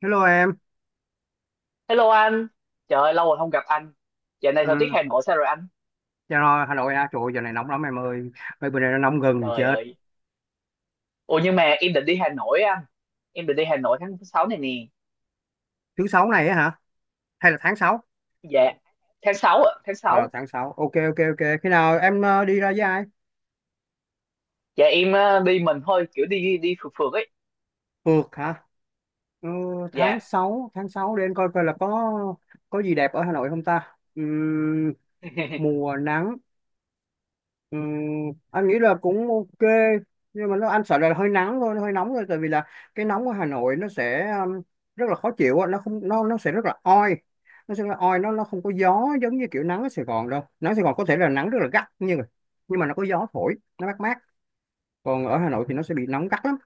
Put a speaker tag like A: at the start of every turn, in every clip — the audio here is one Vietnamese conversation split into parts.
A: Hello em,
B: Hello anh, trời ơi, lâu rồi không gặp anh. Giờ này thời tiết
A: ừ.
B: Hà Nội sao rồi anh?
A: Dạ rồi, Hà Nội à, trời ơi, giờ này nóng lắm em ơi, mấy bữa nay nó nóng gần
B: Trời
A: chết.
B: ơi. Ủa nhưng mà em định đi Hà Nội á anh. Em định đi Hà Nội tháng sáu này nè.
A: Thứ sáu này á hả? Hay là tháng sáu.
B: Dạ. Tháng 6 ạ, tháng
A: Ờ,
B: 6.
A: Tháng sáu, ok ok ok, khi nào em đi ra với ai?
B: Dạ em đi mình thôi, kiểu đi đi phượt phượt ấy.
A: Phượt hả? Ừ,
B: Dạ.
A: Tháng sáu, tháng sáu, để em coi coi là có gì đẹp ở Hà Nội không ta? Mùa nắng. Anh nghĩ là cũng ok, nhưng mà anh sợ là hơi nắng thôi, nó hơi nóng thôi, tại vì là cái nóng của Hà Nội nó sẽ rất là khó chịu á, nó không nó nó sẽ rất là oi, nó sẽ là oi, nó không có gió, giống như kiểu nắng ở Sài Gòn đâu. Nắng Sài Gòn có thể là nắng rất là gắt, nhưng mà nó có gió thổi, nó mát mát. Còn ở Hà Nội thì nó sẽ bị nóng gắt lắm.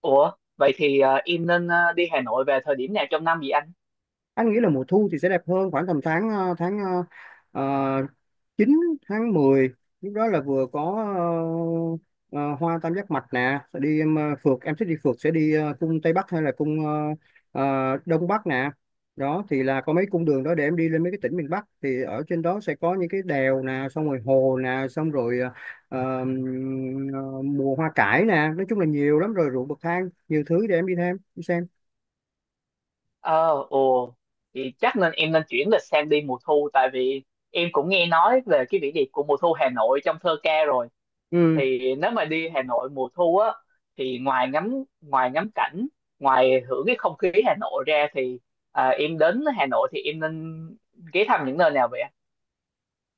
B: Ủa, vậy thì em nên đi Hà Nội về thời điểm nào trong năm vậy anh?
A: Anh nghĩ là mùa thu thì sẽ đẹp hơn, khoảng tầm tháng tháng ờ, 9, tháng mười, lúc đó là vừa có ờ, hoa tam giác mạch nè, sẽ đi em, phượt, em thích đi phượt sẽ đi cung Tây Bắc hay là cung Đông Bắc nè. Đó thì là có mấy cung đường đó để em đi lên mấy cái tỉnh miền Bắc, thì ở trên đó sẽ có những cái đèo nè, xong rồi hồ nè, xong rồi ờ, mùa hoa cải nè, nói chung là nhiều lắm, rồi ruộng bậc thang, nhiều thứ để em đi thêm đi xem.
B: Ờ, ồ. Thì chắc nên em nên chuyển lịch sang đi mùa thu tại vì em cũng nghe nói về cái vẻ đẹp của mùa thu Hà Nội trong thơ ca rồi.
A: ừ
B: Thì nếu mà đi Hà Nội mùa thu á thì ngoài ngắm cảnh, ngoài hưởng cái không khí Hà Nội ra thì em đến Hà Nội thì em nên ghé thăm những nơi nào vậy?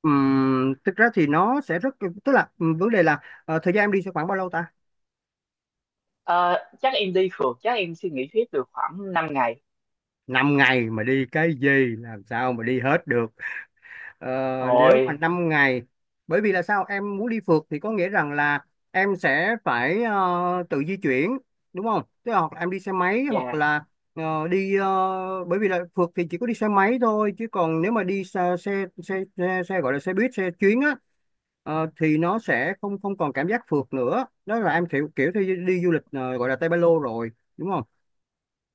A: Thực ra thì nó sẽ rất, tức là vấn đề là thời gian em đi sẽ khoảng bao lâu ta?
B: Ờ, chắc em đi phượt, chắc em suy nghĩ hết được khoảng 5 ngày.
A: Năm ngày mà đi cái gì, làm sao mà đi hết được. Ờ, Nếu mà
B: Rồi.
A: 5 ngày, bởi vì là sao em muốn đi phượt thì có nghĩa rằng là em sẽ phải tự di chuyển, đúng không? Tức là hoặc là em đi xe máy, hoặc
B: Dạ,
A: là đi, bởi vì là phượt thì chỉ có đi xe máy thôi, chứ còn nếu mà đi xe gọi là xe buýt, xe chuyến á, thì nó sẽ không không còn cảm giác phượt nữa. Đó là em kiểu kiểu theo đi du lịch, gọi là tay Ba Lô rồi, đúng không?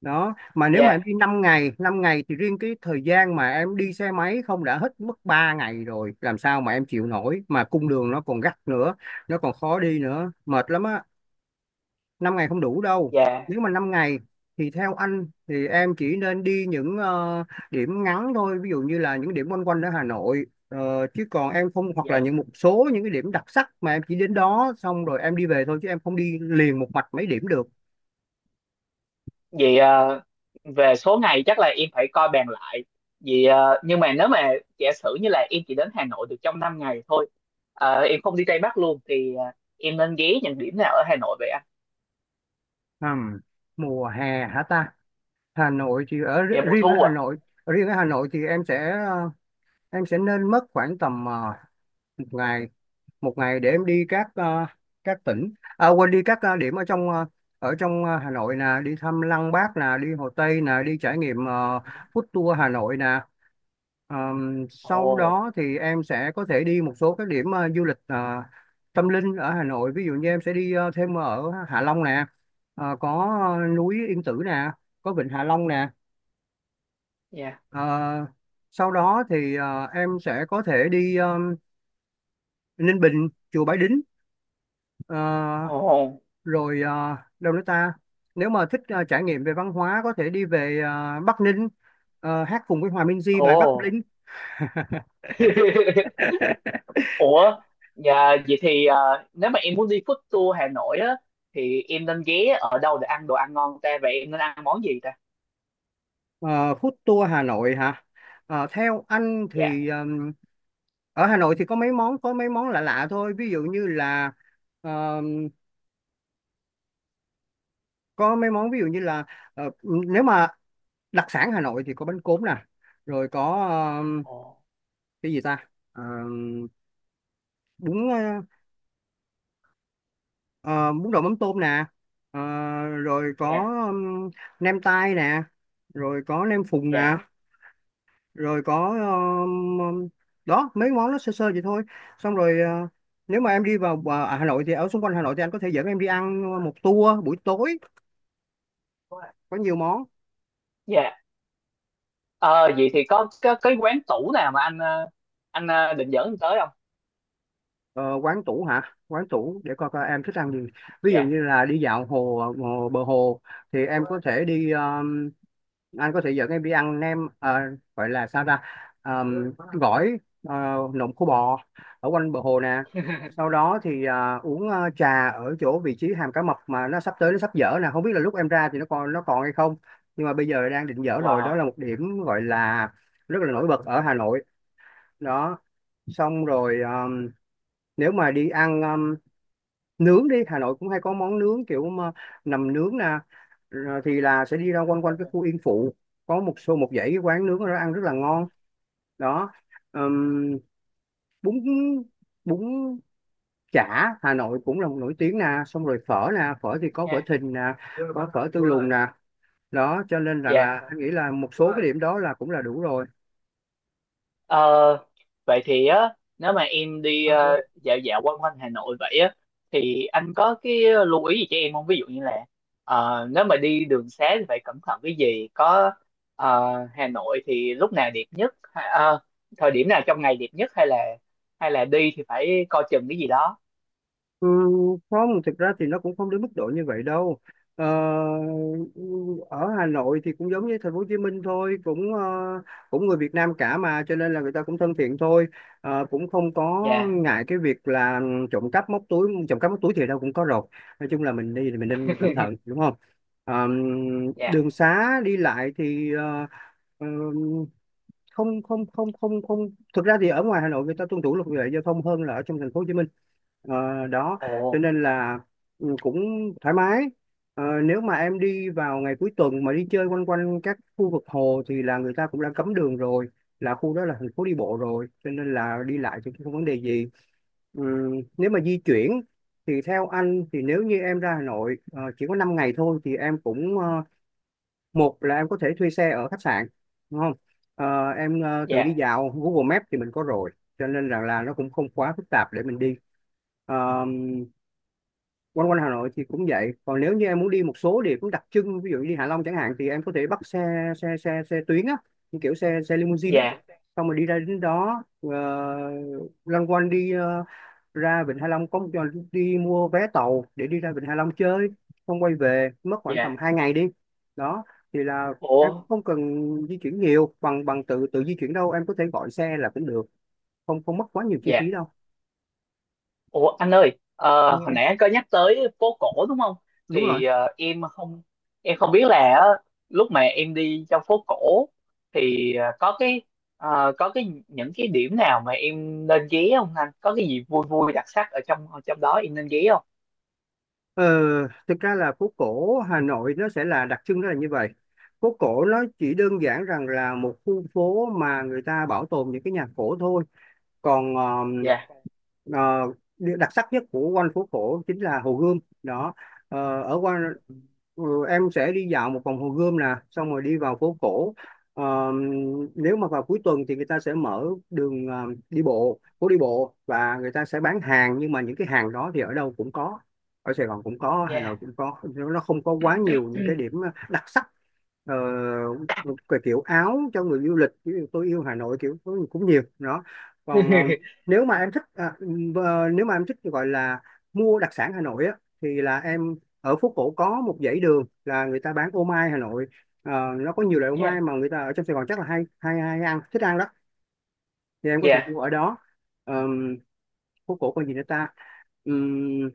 A: Đó. Mà nếu mà
B: dạ,
A: em đi 5 ngày, 5 ngày thì riêng cái thời gian mà em đi xe máy không đã hết mất 3 ngày rồi, làm sao mà em chịu nổi, mà cung đường nó còn gắt nữa, nó còn khó đi nữa, mệt lắm á. Năm ngày không đủ đâu.
B: dạ,
A: Nếu mà 5 ngày thì theo anh thì em chỉ nên đi những điểm ngắn thôi, ví dụ như là những điểm quanh quanh ở Hà Nội. Chứ còn em không, hoặc là
B: dạ.
A: những một số những cái điểm đặc sắc mà em chỉ đến đó xong rồi em đi về thôi, chứ em không đi liền một mạch mấy điểm được.
B: Vậy về số ngày chắc là em phải coi bàn lại, vì nhưng mà nếu mà giả sử như là em chỉ đến Hà Nội được trong 5 ngày thôi, em không đi Tây Bắc luôn thì em nên ghé những điểm nào ở Hà Nội vậy?
A: Ừm, Mùa hè hả ta? Hà Nội thì ở,
B: Dạ mùa
A: riêng ở
B: thu
A: Hà
B: à.
A: Nội riêng ở Hà Nội thì em sẽ, em sẽ nên mất khoảng tầm một ngày một ngày để em đi các tỉnh à, quên, đi các điểm ở trong Hà Nội nè, đi thăm Lăng Bác nè, đi Hồ Tây nè, đi trải nghiệm
B: Ừ.
A: food tour Hà Nội nè. Sau
B: Ồ,
A: đó thì em sẽ có thể đi một số các điểm du lịch tâm linh ở Hà Nội, ví dụ như em sẽ đi thêm ở Hạ Long nè, có núi Yên Tử nè, có vịnh Hạ Long nè.
B: dạ.
A: Ờ, Sau đó thì em sẽ có thể đi Ninh Bình, chùa Bái Đính, ờ,
B: Ồ,
A: rồi đâu nữa ta. Nếu mà thích trải nghiệm về văn hóa, có thể đi về Bắc Ninh, hát cùng với Hòa Minzy bài Bắc
B: ồ.
A: Ninh.
B: Ủa, dạ vậy thì nếu mà em muốn đi food tour Hà Nội á thì em nên ghé ở đâu để ăn đồ ăn ngon ta, vậy em nên ăn món gì ta?
A: Ờ, Food tour Hà Nội hả? Theo anh
B: Dạ.
A: thì ở Hà Nội thì có mấy món, có mấy món lạ lạ thôi. Ví dụ như là ờm, có mấy món, ví dụ như là nếu mà đặc sản Hà Nội thì có bánh cốm nè, rồi có
B: Ồ,
A: cái gì ta? Ờ, bún ờ, ờ, Bún đậu mắm tôm nè. Ờ, Rồi có
B: dạ,
A: um, nem tai nè, rồi có nem phùng nè,
B: dạ,
A: rồi có um, um, đó, mấy món nó sơ sơ vậy thôi. Xong rồi, nếu mà em đi vào Hà Nội thì ở xung quanh Hà Nội thì anh có thể dẫn em đi ăn một tour buổi tối, có nhiều món.
B: dạ. Ờ vậy thì có cái quán tủ nào mà anh anh định dẫn em tới không?
A: Ờ, Quán tủ hả? Quán tủ để coi coi em thích ăn gì. Ví dụ
B: Dạ.
A: như là đi dạo hồ bờ hồ thì em có thể đi, anh có thể dẫn em đi ăn nem, gọi là sao ta? Gỏi, ờ, nộm khô bò ở quanh bờ hồ nè. Sau đó thì uống trà ở chỗ vị trí Hàm Cá Mập, mà nó sắp tới nó sắp dở nè, không biết là lúc em ra thì nó còn, nó còn hay không. Nhưng mà bây giờ đang định dở rồi, đó
B: Wow.
A: là một điểm gọi là rất là nổi bật ở Hà Nội. Đó. Xong rồi, nếu mà đi ăn nướng, đi Hà Nội cũng hay có món nướng kiểu mà nằm nướng nè, rồi thì là sẽ đi ra quanh quanh cái
B: Ồ,
A: khu Yên Phụ, có một số, một dãy cái quán nướng ở đó ăn rất là ngon đó. Ừm, bún bún chả Hà Nội cũng là một nổi tiếng nè, xong rồi phở nè, phở thì có phở
B: nha.
A: Thìn nè, có phở Tư Lùn nè, đó cho nên rằng
B: Dạ.
A: là anh nghĩ là một số cái điểm đó là cũng là đủ rồi.
B: Ờ, vậy thì á nếu mà em đi dạo dạo quanh quanh Hà Nội vậy á thì anh có cái lưu ý gì cho em không? Ví dụ như là nếu mà đi đường xá thì phải cẩn thận cái gì? Có ờ, Hà Nội thì lúc nào đẹp nhất? Thời điểm nào trong ngày đẹp nhất hay là đi thì phải coi chừng cái gì đó?
A: Ừ, Không, thực ra thì nó cũng không đến mức độ như vậy đâu, ờ, ở Hà Nội thì cũng giống như thành phố Hồ Chí Minh thôi, cũng cũng người Việt Nam cả mà cho nên là người ta cũng thân thiện thôi. Cũng không có
B: Dạ,
A: ngại cái việc là trộm cắp móc túi, trộm cắp móc túi thì đâu cũng có rồi, nói chung là mình đi thì mình nên cẩn thận, đúng không? Ờ, Đường
B: dạ.
A: xá đi lại thì, ờ, không, không, không, không, không, thực ra thì ở ngoài Hà Nội người ta tuân thủ luật lệ giao thông hơn là ở trong thành phố Hồ Chí Minh. Đó, cho
B: Ồ,
A: nên là cũng thoải mái. Nếu mà em đi vào ngày cuối tuần mà đi chơi quanh quanh các khu vực hồ thì là người ta cũng đã cấm đường rồi, là khu đó là thành phố đi bộ rồi, cho nên là đi lại thì cũng không vấn đề gì. Ừ, Nếu mà di chuyển thì theo anh thì nếu như em ra Hà Nội chỉ có 5 ngày thôi thì em cũng, một là em có thể thuê xe ở khách sạn, đúng không? Em tự đi
B: dạ,
A: dạo, Google Maps thì mình có rồi, cho nên rằng là nó cũng không quá phức tạp để mình đi. Ờ, Quanh quanh Hà Nội thì cũng vậy, còn nếu như em muốn đi một số địa cũng đặc trưng, ví dụ như đi Hạ Long chẳng hạn, thì em có thể bắt xe xe xe xe tuyến á, như kiểu xe xe limousine á,
B: dạ,
A: xong rồi đi ra đến đó, loanh quanh, đi ra Vịnh Hạ Long, có một cho đi mua vé tàu để đi ra Vịnh Hạ Long chơi, không quay về mất khoảng
B: dạ.
A: tầm 2 ngày đi. Đó thì là em cũng
B: Ồ,
A: không cần di chuyển nhiều, bằng bằng tự tự di chuyển đâu, em có thể gọi xe là cũng được, không không mất quá nhiều chi phí
B: dạ.
A: đâu.
B: Ồ anh ơi, hồi
A: Nghe,
B: nãy anh có nhắc tới phố cổ đúng không?
A: đúng rồi.
B: Thì em không biết là á, lúc mà em đi trong phố cổ thì có cái có cái những cái điểm nào mà em nên ghé không anh? Có cái gì vui vui đặc sắc ở trong đó em nên ghé không?
A: ờ, Thực ra là phố cổ Hà Nội nó sẽ là đặc trưng, nó là như vậy. Phố cổ nó chỉ đơn giản rằng là một khu phố mà người ta bảo tồn những cái nhà cổ thôi, còn
B: Dạ,
A: ờ, điều đặc sắc nhất của quanh phố cổ chính là Hồ Gươm đó. Ờ, ở quanh ừ, em sẽ đi dạo một vòng Hồ Gươm nè, xong rồi đi vào phố cổ. Ờ, Nếu mà vào cuối tuần thì người ta sẽ mở đường đi bộ, phố đi bộ, và người ta sẽ bán hàng, nhưng mà những cái hàng đó thì ở đâu cũng có, ở Sài Gòn cũng có, Hà Nội
B: dạ,
A: cũng có, nó không có quá nhiều những cái điểm đặc sắc. Ờ, cái kiểu áo cho người du lịch ví dụ Tôi yêu Hà Nội kiểu cũng cũng nhiều đó. Còn nếu mà em thích nếu mà em thích gọi là mua đặc sản Hà Nội á thì là em, ở phố cổ có một dãy đường là người ta bán ô mai Hà Nội. Ờ, nó có nhiều loại ô
B: dạ,
A: mai mà người ta ở trong Sài Gòn chắc là hay hay hay ăn, thích ăn đó, thì em có thể
B: dạ,
A: mua ở đó. Ờm, Phố cổ còn gì nữa ta? Ừm,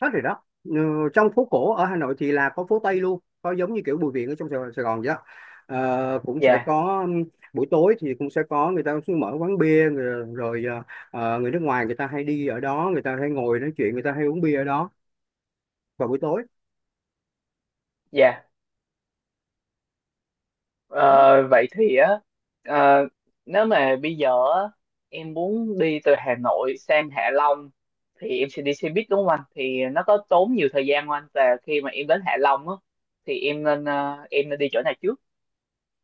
A: Hết rồi đó, ừ, trong phố cổ ở Hà Nội thì là có phố Tây luôn, có giống như kiểu Bùi Viện ở trong Sài Gòn vậy đó. Ờ, cũng sẽ
B: dạ,
A: có buổi tối thì cũng sẽ có, người ta cũng sẽ mở quán bia rồi người nước ngoài người ta hay đi ở đó, người ta hay ngồi nói chuyện, người ta hay uống bia ở đó vào buổi tối.
B: dạ.
A: Ừ.
B: Ờ, vậy thì á ờ, nếu mà bây giờ á, em muốn đi từ Hà Nội sang Hạ Long thì em sẽ đi xe buýt đúng không anh? Thì nó có tốn nhiều thời gian không anh? Và khi mà em đến Hạ Long á thì em nên em nên đi chỗ nào trước?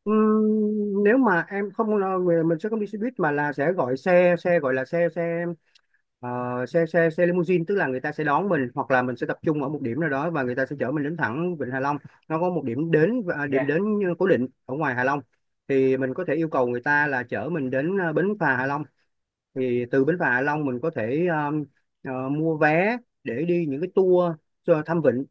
A: Nếu mà em không, nói về mình sẽ không đi xe buýt mà là sẽ gọi xe, xe gọi là xe xe Ờ, xe limousine, tức là người ta sẽ đón mình hoặc là mình sẽ tập trung ở một điểm nào đó và người ta sẽ chở mình đến thẳng Vịnh Hạ Long. Nó có một điểm đến, điểm
B: Dạ,
A: đến cố định ở ngoài Hạ Long, thì mình có thể yêu cầu người ta là chở mình đến, bến phà Hạ Long. Thì từ bến phà Hạ Long mình có thể mua vé để đi những cái tour cho thăm vịnh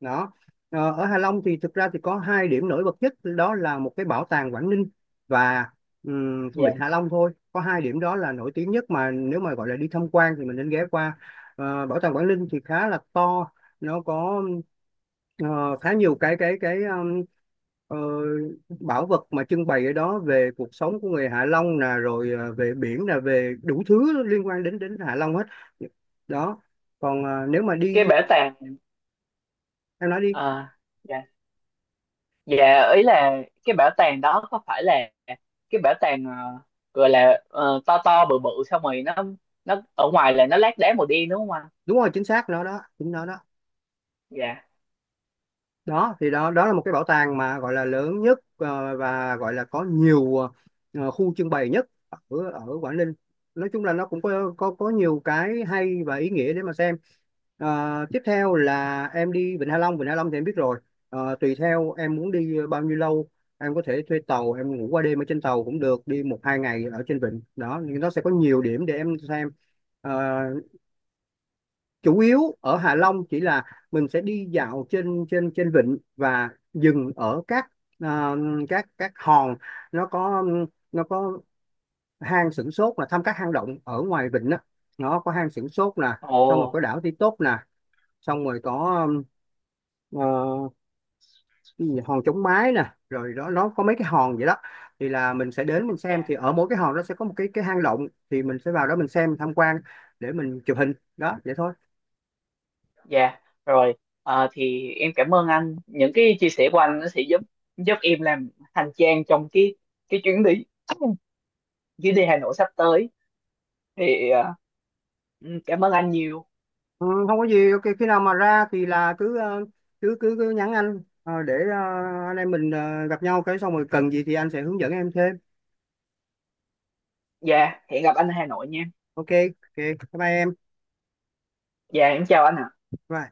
A: đó. Ờ, ở Hạ Long thì thực ra thì có hai điểm nổi bật nhất, đó là một cái bảo tàng Quảng Ninh và Vịnh
B: dạ.
A: Hạ Long thôi, có hai điểm đó là nổi tiếng nhất mà nếu mà gọi là đi tham quan thì mình nên ghé qua. Ờ, bảo tàng Quảng Ninh thì khá là to, nó có ờ, khá nhiều cái cái ờ, bảo vật mà trưng bày ở đó, về cuộc sống của người Hạ Long nè, rồi ờ, về biển nè, về đủ thứ liên quan đến đến Hạ Long hết đó. Còn ờ, nếu mà
B: Cái
A: đi,
B: bảo tàng
A: em nói đi.
B: ờ, dạ. Dạ ý là cái bảo tàng đó có phải là cái bảo tàng gọi là to to bự bự, xong rồi nó ở ngoài là nó lát đá màu đen đúng không anh?
A: Đúng rồi, chính xác, nó đó, chính nó đó.
B: Dạ.
A: Đó, thì đó đó là một cái bảo tàng mà gọi là lớn nhất, và gọi là có nhiều khu trưng bày nhất ở ở Quảng Ninh. Nói chung là nó cũng có nhiều cái hay và ý nghĩa để mà xem. Ờ, tiếp theo là em đi Vịnh Hạ Long. Vịnh Hạ Long thì em biết rồi. Ờ, tùy theo em muốn đi bao nhiêu lâu, em có thể thuê tàu, em ngủ qua đêm ở trên tàu cũng được, đi một hai ngày ở trên vịnh đó, nhưng nó sẽ có nhiều điểm để em xem. Ờ, chủ yếu ở Hạ Long chỉ là mình sẽ đi dạo trên trên trên vịnh và dừng ở các ờ, các hòn. nó có nó có hang Sửng Sốt là thăm các hang động ở ngoài vịnh đó. Nó có hang Sửng Sốt nè, xong rồi
B: Ồ.
A: có đảo Ti Tốt nè, xong rồi có ờ, cái gì, hòn Chống Mái nè, rồi đó, nó có mấy cái hòn vậy đó. Thì là mình sẽ đến mình xem,
B: Dạ.
A: thì ở mỗi cái hòn đó sẽ có một cái hang động, thì mình sẽ vào đó mình xem tham quan, để mình chụp hình đó, vậy thôi.
B: Dạ, rồi. Ờ, thì em cảm ơn anh. Những cái chia sẻ của anh nó sẽ giúp giúp em làm hành trang trong cái chuyến đi chuyến đi Hà Nội sắp tới. Thì cảm ơn anh nhiều.
A: Ừ, không có gì, ok, khi nào mà ra thì là cứ cứ nhắn anh, để anh em mình gặp nhau cái xong rồi cần gì thì anh sẽ hướng dẫn em thêm.
B: Dạ, hẹn gặp anh ở Hà Nội nha.
A: Ok. Ok, bye bye em.
B: Dạ, em chào anh ạ.
A: Bye.